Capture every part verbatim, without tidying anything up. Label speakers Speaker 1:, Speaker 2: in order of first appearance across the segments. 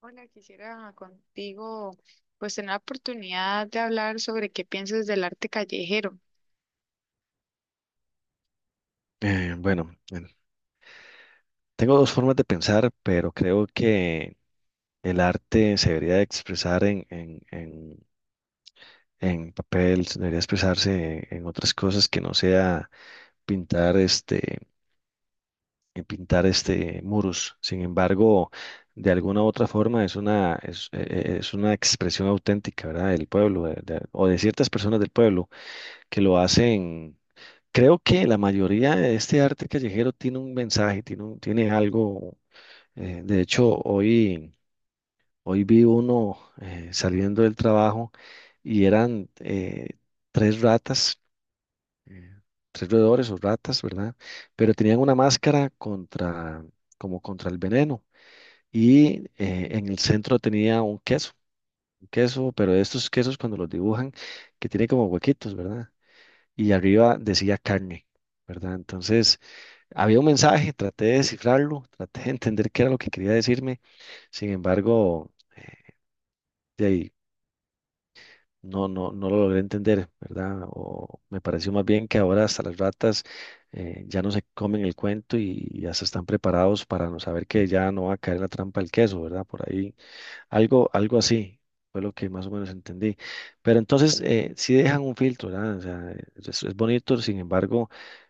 Speaker 1: Hola, quisiera contigo pues tener la oportunidad de hablar sobre qué piensas del arte callejero.
Speaker 2: Eh, bueno, eh, tengo dos formas de pensar, pero creo que el arte se debería de expresar en, en, en, en papel, se debería expresarse en otras cosas que no sea pintar este, eh, pintar este muros. Sin embargo, de alguna u otra forma es una, es, eh, eh, es una expresión auténtica, ¿verdad? Del pueblo, de- de- o de ciertas personas del pueblo que lo hacen. Creo que la mayoría de este arte callejero tiene un mensaje, tiene, un- tiene algo. Eh, de hecho, hoy, hoy vi uno eh, saliendo del trabajo y eran eh, tres ratas, eh, tres roedores o ratas, ¿verdad? Pero tenían una máscara contra, como contra el veneno y eh, en el centro tenía un queso, un queso, pero estos quesos cuando los dibujan, que tiene como huequitos, ¿verdad? Y arriba decía carne, ¿verdad? Entonces, había un mensaje, traté de descifrarlo, traté de entender qué era lo que quería decirme. Sin embargo, de ahí no, no, no lo logré entender, ¿verdad? O me pareció más bien que ahora hasta las ratas eh, ya no se comen el cuento y ya se están preparados para no saber que ya no va a caer en la trampa del queso, ¿verdad? Por ahí. Algo, algo así fue lo que más o menos entendí. Pero entonces eh, sí dejan un filtro, ¿verdad? O sea, eh, es, es bonito, sin embargo,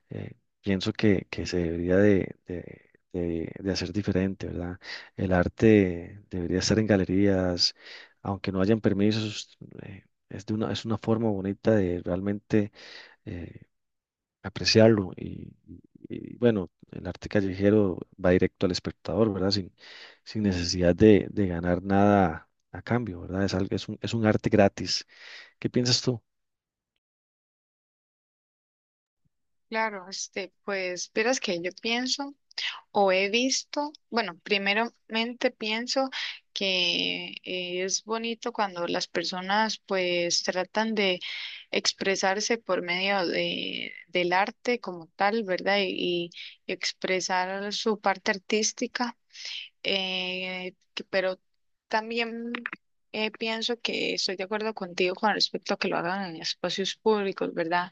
Speaker 2: eh, pienso que, que se debería de, de- de- de hacer diferente, ¿verdad? El arte debería estar en galerías, aunque no hayan permisos, eh, es de una, es una forma bonita de realmente eh, apreciarlo. Y, y- y, bueno, el arte callejero va directo al espectador, ¿verdad? Sin, sin necesidad de, de ganar nada a cambio, ¿verdad? Es, algo- es un, es un arte gratis. ¿Qué piensas tú?
Speaker 1: Claro, este, pues verás que yo pienso o he visto, bueno, primeramente pienso que eh, es bonito cuando las personas pues tratan de expresarse por medio de, del arte como tal, ¿verdad? Y y expresar su parte artística. Eh, que- pero también eh, pienso que estoy de acuerdo contigo con respecto a que lo hagan en espacios públicos, ¿verdad?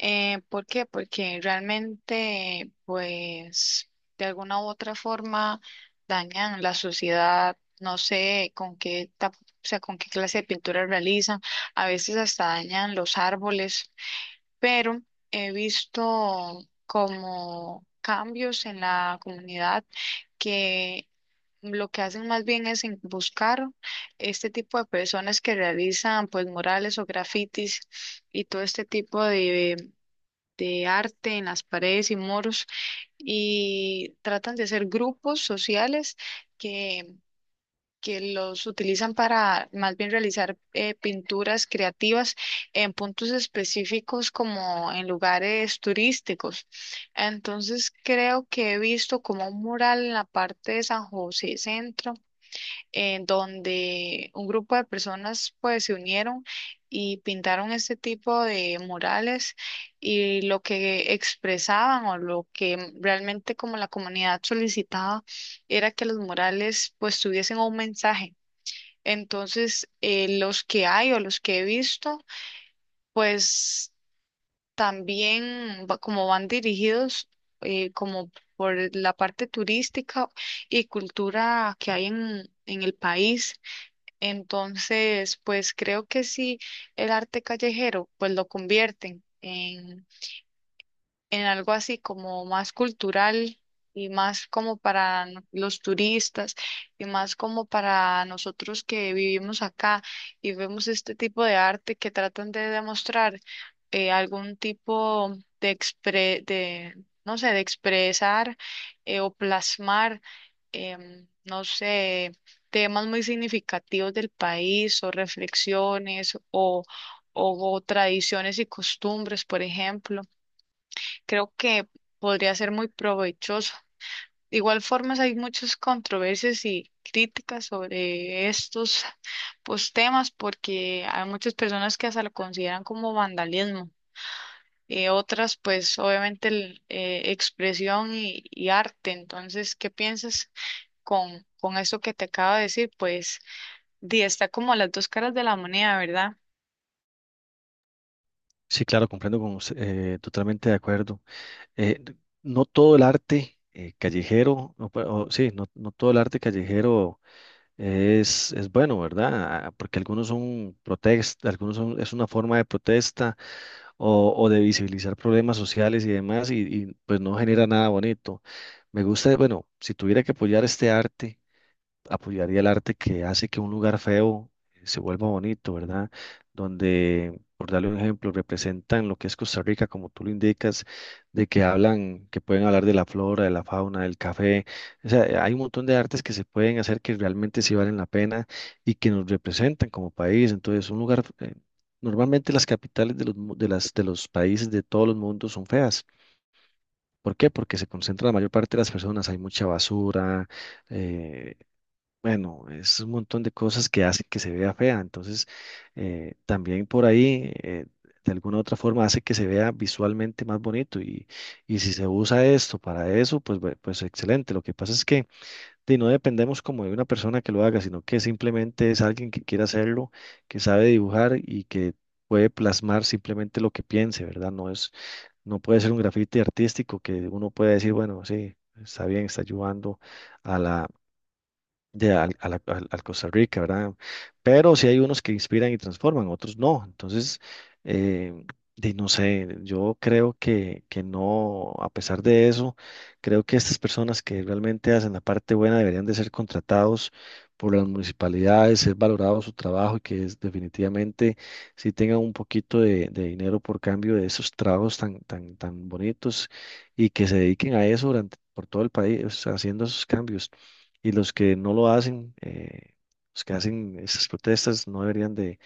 Speaker 1: Eh, ¿por qué? Porque realmente, pues, de alguna u otra forma dañan la sociedad, no sé con qué, tap- o sea, con qué clase de pintura realizan, a veces hasta dañan los árboles, pero he visto como cambios en la comunidad que lo que hacen más bien es en- buscar este tipo de personas que realizan pues murales o grafitis y todo este tipo de, de arte en las paredes y muros, y tratan de hacer grupos sociales que, que los utilizan para más bien realizar eh, pinturas creativas en puntos específicos como en lugares turísticos. Entonces creo que he visto como un mural en la parte de San José Centro, en donde un grupo de personas pues se unieron y pintaron este tipo de murales, y lo que expresaban o lo que realmente como la comunidad solicitaba era que los murales pues tuviesen un mensaje. Entonces, eh, los que hay o los que he visto, pues también va- como van dirigidos eh, como por la parte turística y cultura que hay en en el país. Entonces, pues creo que sí, el arte callejero, pues lo convierten en algo así como más cultural y más como para no- los turistas y más como para nosotros que vivimos acá y vemos este tipo de arte que tratan de demostrar eh, algún tipo de expre de no sé, de expresar eh, o plasmar em, no sé, temas muy significativos del país o reflexiones o o o tradiciones y costumbres. Por ejemplo, creo que podría ser muy provechoso. De igual forma, hay muchas controversias y críticas sobre estos, pues, temas, porque hay muchas personas que hasta lo consideran como vandalismo. Eh, otras, pues obviamente, el- eh, expresión y, y arte. Entonces, ¿qué piensas con, con esto que te acabo de decir? Pues, di, está como las dos caras de la moneda, ¿verdad?
Speaker 2: Sí, claro, comprendo con usted, eh, totalmente de acuerdo. Eh, no todo el arte eh, callejero, o, pe- o sí, no, no todo el arte callejero es, es bueno, ¿verdad? Ah, porque algunos son protestas, algunos son, es una forma de protesta o, o de visibilizar problemas sociales y demás, y, y, pues no genera nada bonito. Me gusta, bueno, si tuviera que apoyar este arte, apoyaría el arte que hace que un lugar feo eh, se vuelva bonito, ¿verdad? Donde, por darle un ejemplo, representan lo que es Costa Rica, como tú lo indicas, de que hablan, que pueden hablar de la flora, de la fauna, del café. O sea, eh, hay un montón de artes que se pueden hacer que realmente sí valen la pena y que nos representan como país. Entonces, un lugar, eh, normalmente las capitales de los, mu- de las, de los países de todos los mundos son feas. ¿Por qué? Porque se concentra la mayor parte de las personas, hay mucha basura, eh, bueno, es un montón de cosas que hacen que se vea fea. Entonces, eh, también por ahí, eh, de alguna u otra forma, hace que se vea visualmente más bonito. Y, y si se usa esto para eso, pues, bue- pues excelente. Lo que pasa es que de, no dependemos como de una persona que lo haga, sino que simplemente es alguien que quiere hacerlo, que sabe dibujar y que puede plasmar simplemente lo que piense, ¿verdad? No es, no puede ser un grafiti artístico que uno puede decir, bueno, sí, está bien, está ayudando de al, a la- al- al Costa Rica, ¿verdad? Pero sí hay unos que inspiran y transforman, otros no. Entonces, eh, de, no sé, yo creo que, que no, a pesar de eso, creo que estas personas que realmente hacen la parte buena deberían de ser contratados por las municipalidades, ser valorado su trabajo y que es- definitivamente sí tengan un poquito de, de dinero por cambio de esos trabajos tan, tan, tan bonitos y que se dediquen a eso durante, por todo el país, haciendo esos cambios y los que no lo hacen, eh, los que hacen esas protestas no deberían de,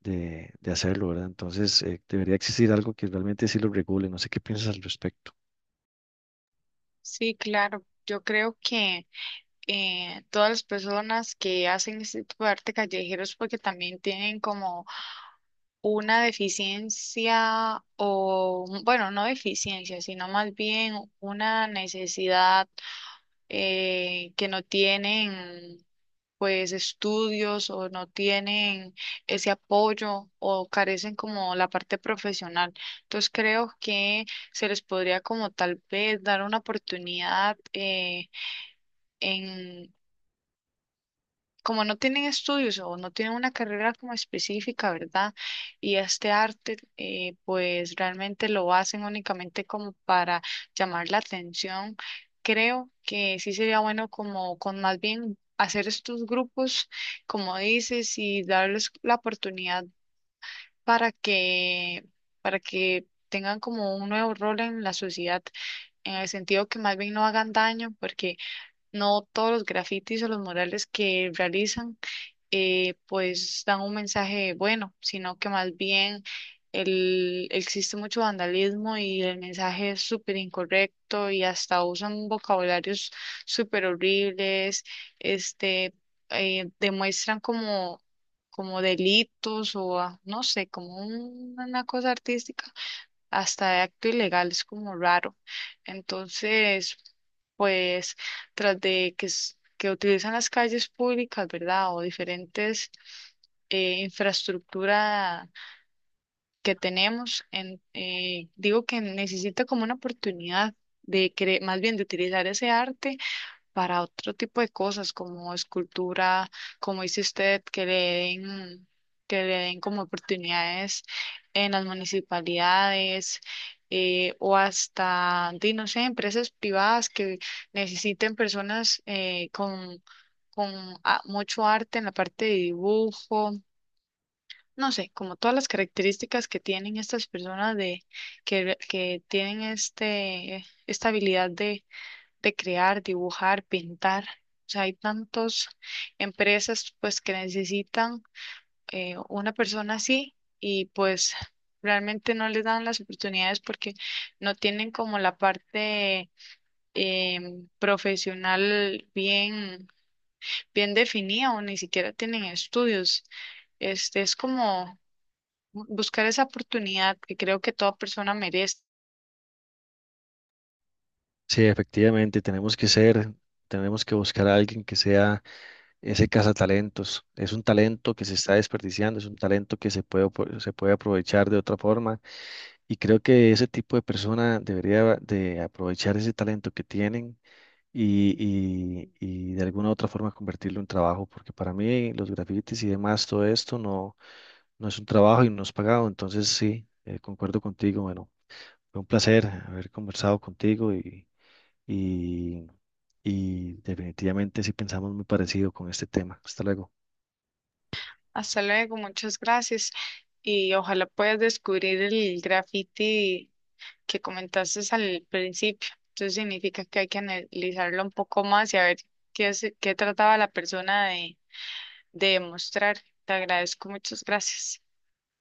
Speaker 2: de- de hacerlo, ¿verdad? Entonces, eh, debería existir algo que realmente sí lo regule. No sé qué piensas al respecto.
Speaker 1: Sí, claro. Yo creo que eh, todas las personas que hacen este tipo de arte callejero es porque también tienen como una deficiencia o, bueno, no deficiencia, sino más bien una necesidad, eh, que no tienen pues estudios o no tienen ese apoyo o carecen como la parte profesional. Entonces creo que se les podría como tal vez dar una oportunidad, eh, como no tienen estudios o no tienen una carrera como específica, ¿verdad? Y este arte, eh, pues realmente lo hacen únicamente como para llamar la atención. Creo que sí sería bueno como con más bien hacer estos grupos, como dices, y darles la oportunidad para que, para que tengan como un nuevo rol en la sociedad, en el sentido que más bien no hagan daño, porque no todos los grafitis o los murales que realizan, eh, pues dan un mensaje bueno, sino que más bien el, existe mucho vandalismo y el mensaje es súper incorrecto y hasta usan vocabularios súper horribles. Este, eh, demuestran como, como delitos o ah, no sé, como un- una cosa artística hasta de acto ilegal, es como raro. Entonces, pues tras de que, s- que utilizan las calles públicas, ¿verdad? O diferentes eh, infraestructura que tenemos, en, eh, digo que necesita como una oportunidad de cre- más bien de utilizar ese arte para otro tipo de cosas como escultura, como dice usted, que le den, que le den como oportunidades en las municipalidades, eh, o hasta, di, no sé, empresas privadas que necesiten personas eh, con, con a- mucho arte en la parte de dibujo. No sé, como todas las características que tienen estas personas de que, que tienen este esta habilidad de crear, dibujar, pintar. O sea, hay tantas empresas pues que necesitan, eh, una persona así, y pues realmente no les dan las oportunidades porque no tienen como la parte em, profesional bien, bien definida o ni siquiera tienen estudios. Este es como bu- buscar esa oportunidad que creo que toda persona merece.
Speaker 2: Sí, efectivamente, tenemos que ser, tenemos que buscar a alguien que sea ese cazatalentos. Es un talento que se está desperdiciando, es un talento que se puede, apro- se puede aprovechar de otra forma y creo que ese tipo de persona debería de aprovechar ese talento que tienen y, y- y de alguna u otra forma convertirlo en trabajo, porque para mí los grafitis y demás, todo esto no, no es un trabajo y no es pagado, entonces sí, eh, concuerdo contigo, bueno, fue un placer haber conversado contigo y, y, y definitivamente sí pensamos muy parecido con este tema. Hasta luego.
Speaker 1: Hasta luego, muchas gracias, y ojalá puedas descubrir el graffiti que comentaste al principio. Entonces significa que hay que analizarlo un poco más y a ver qué, es- qué trataba la persona de, de demostrar. Te agradezco, muchas gracias.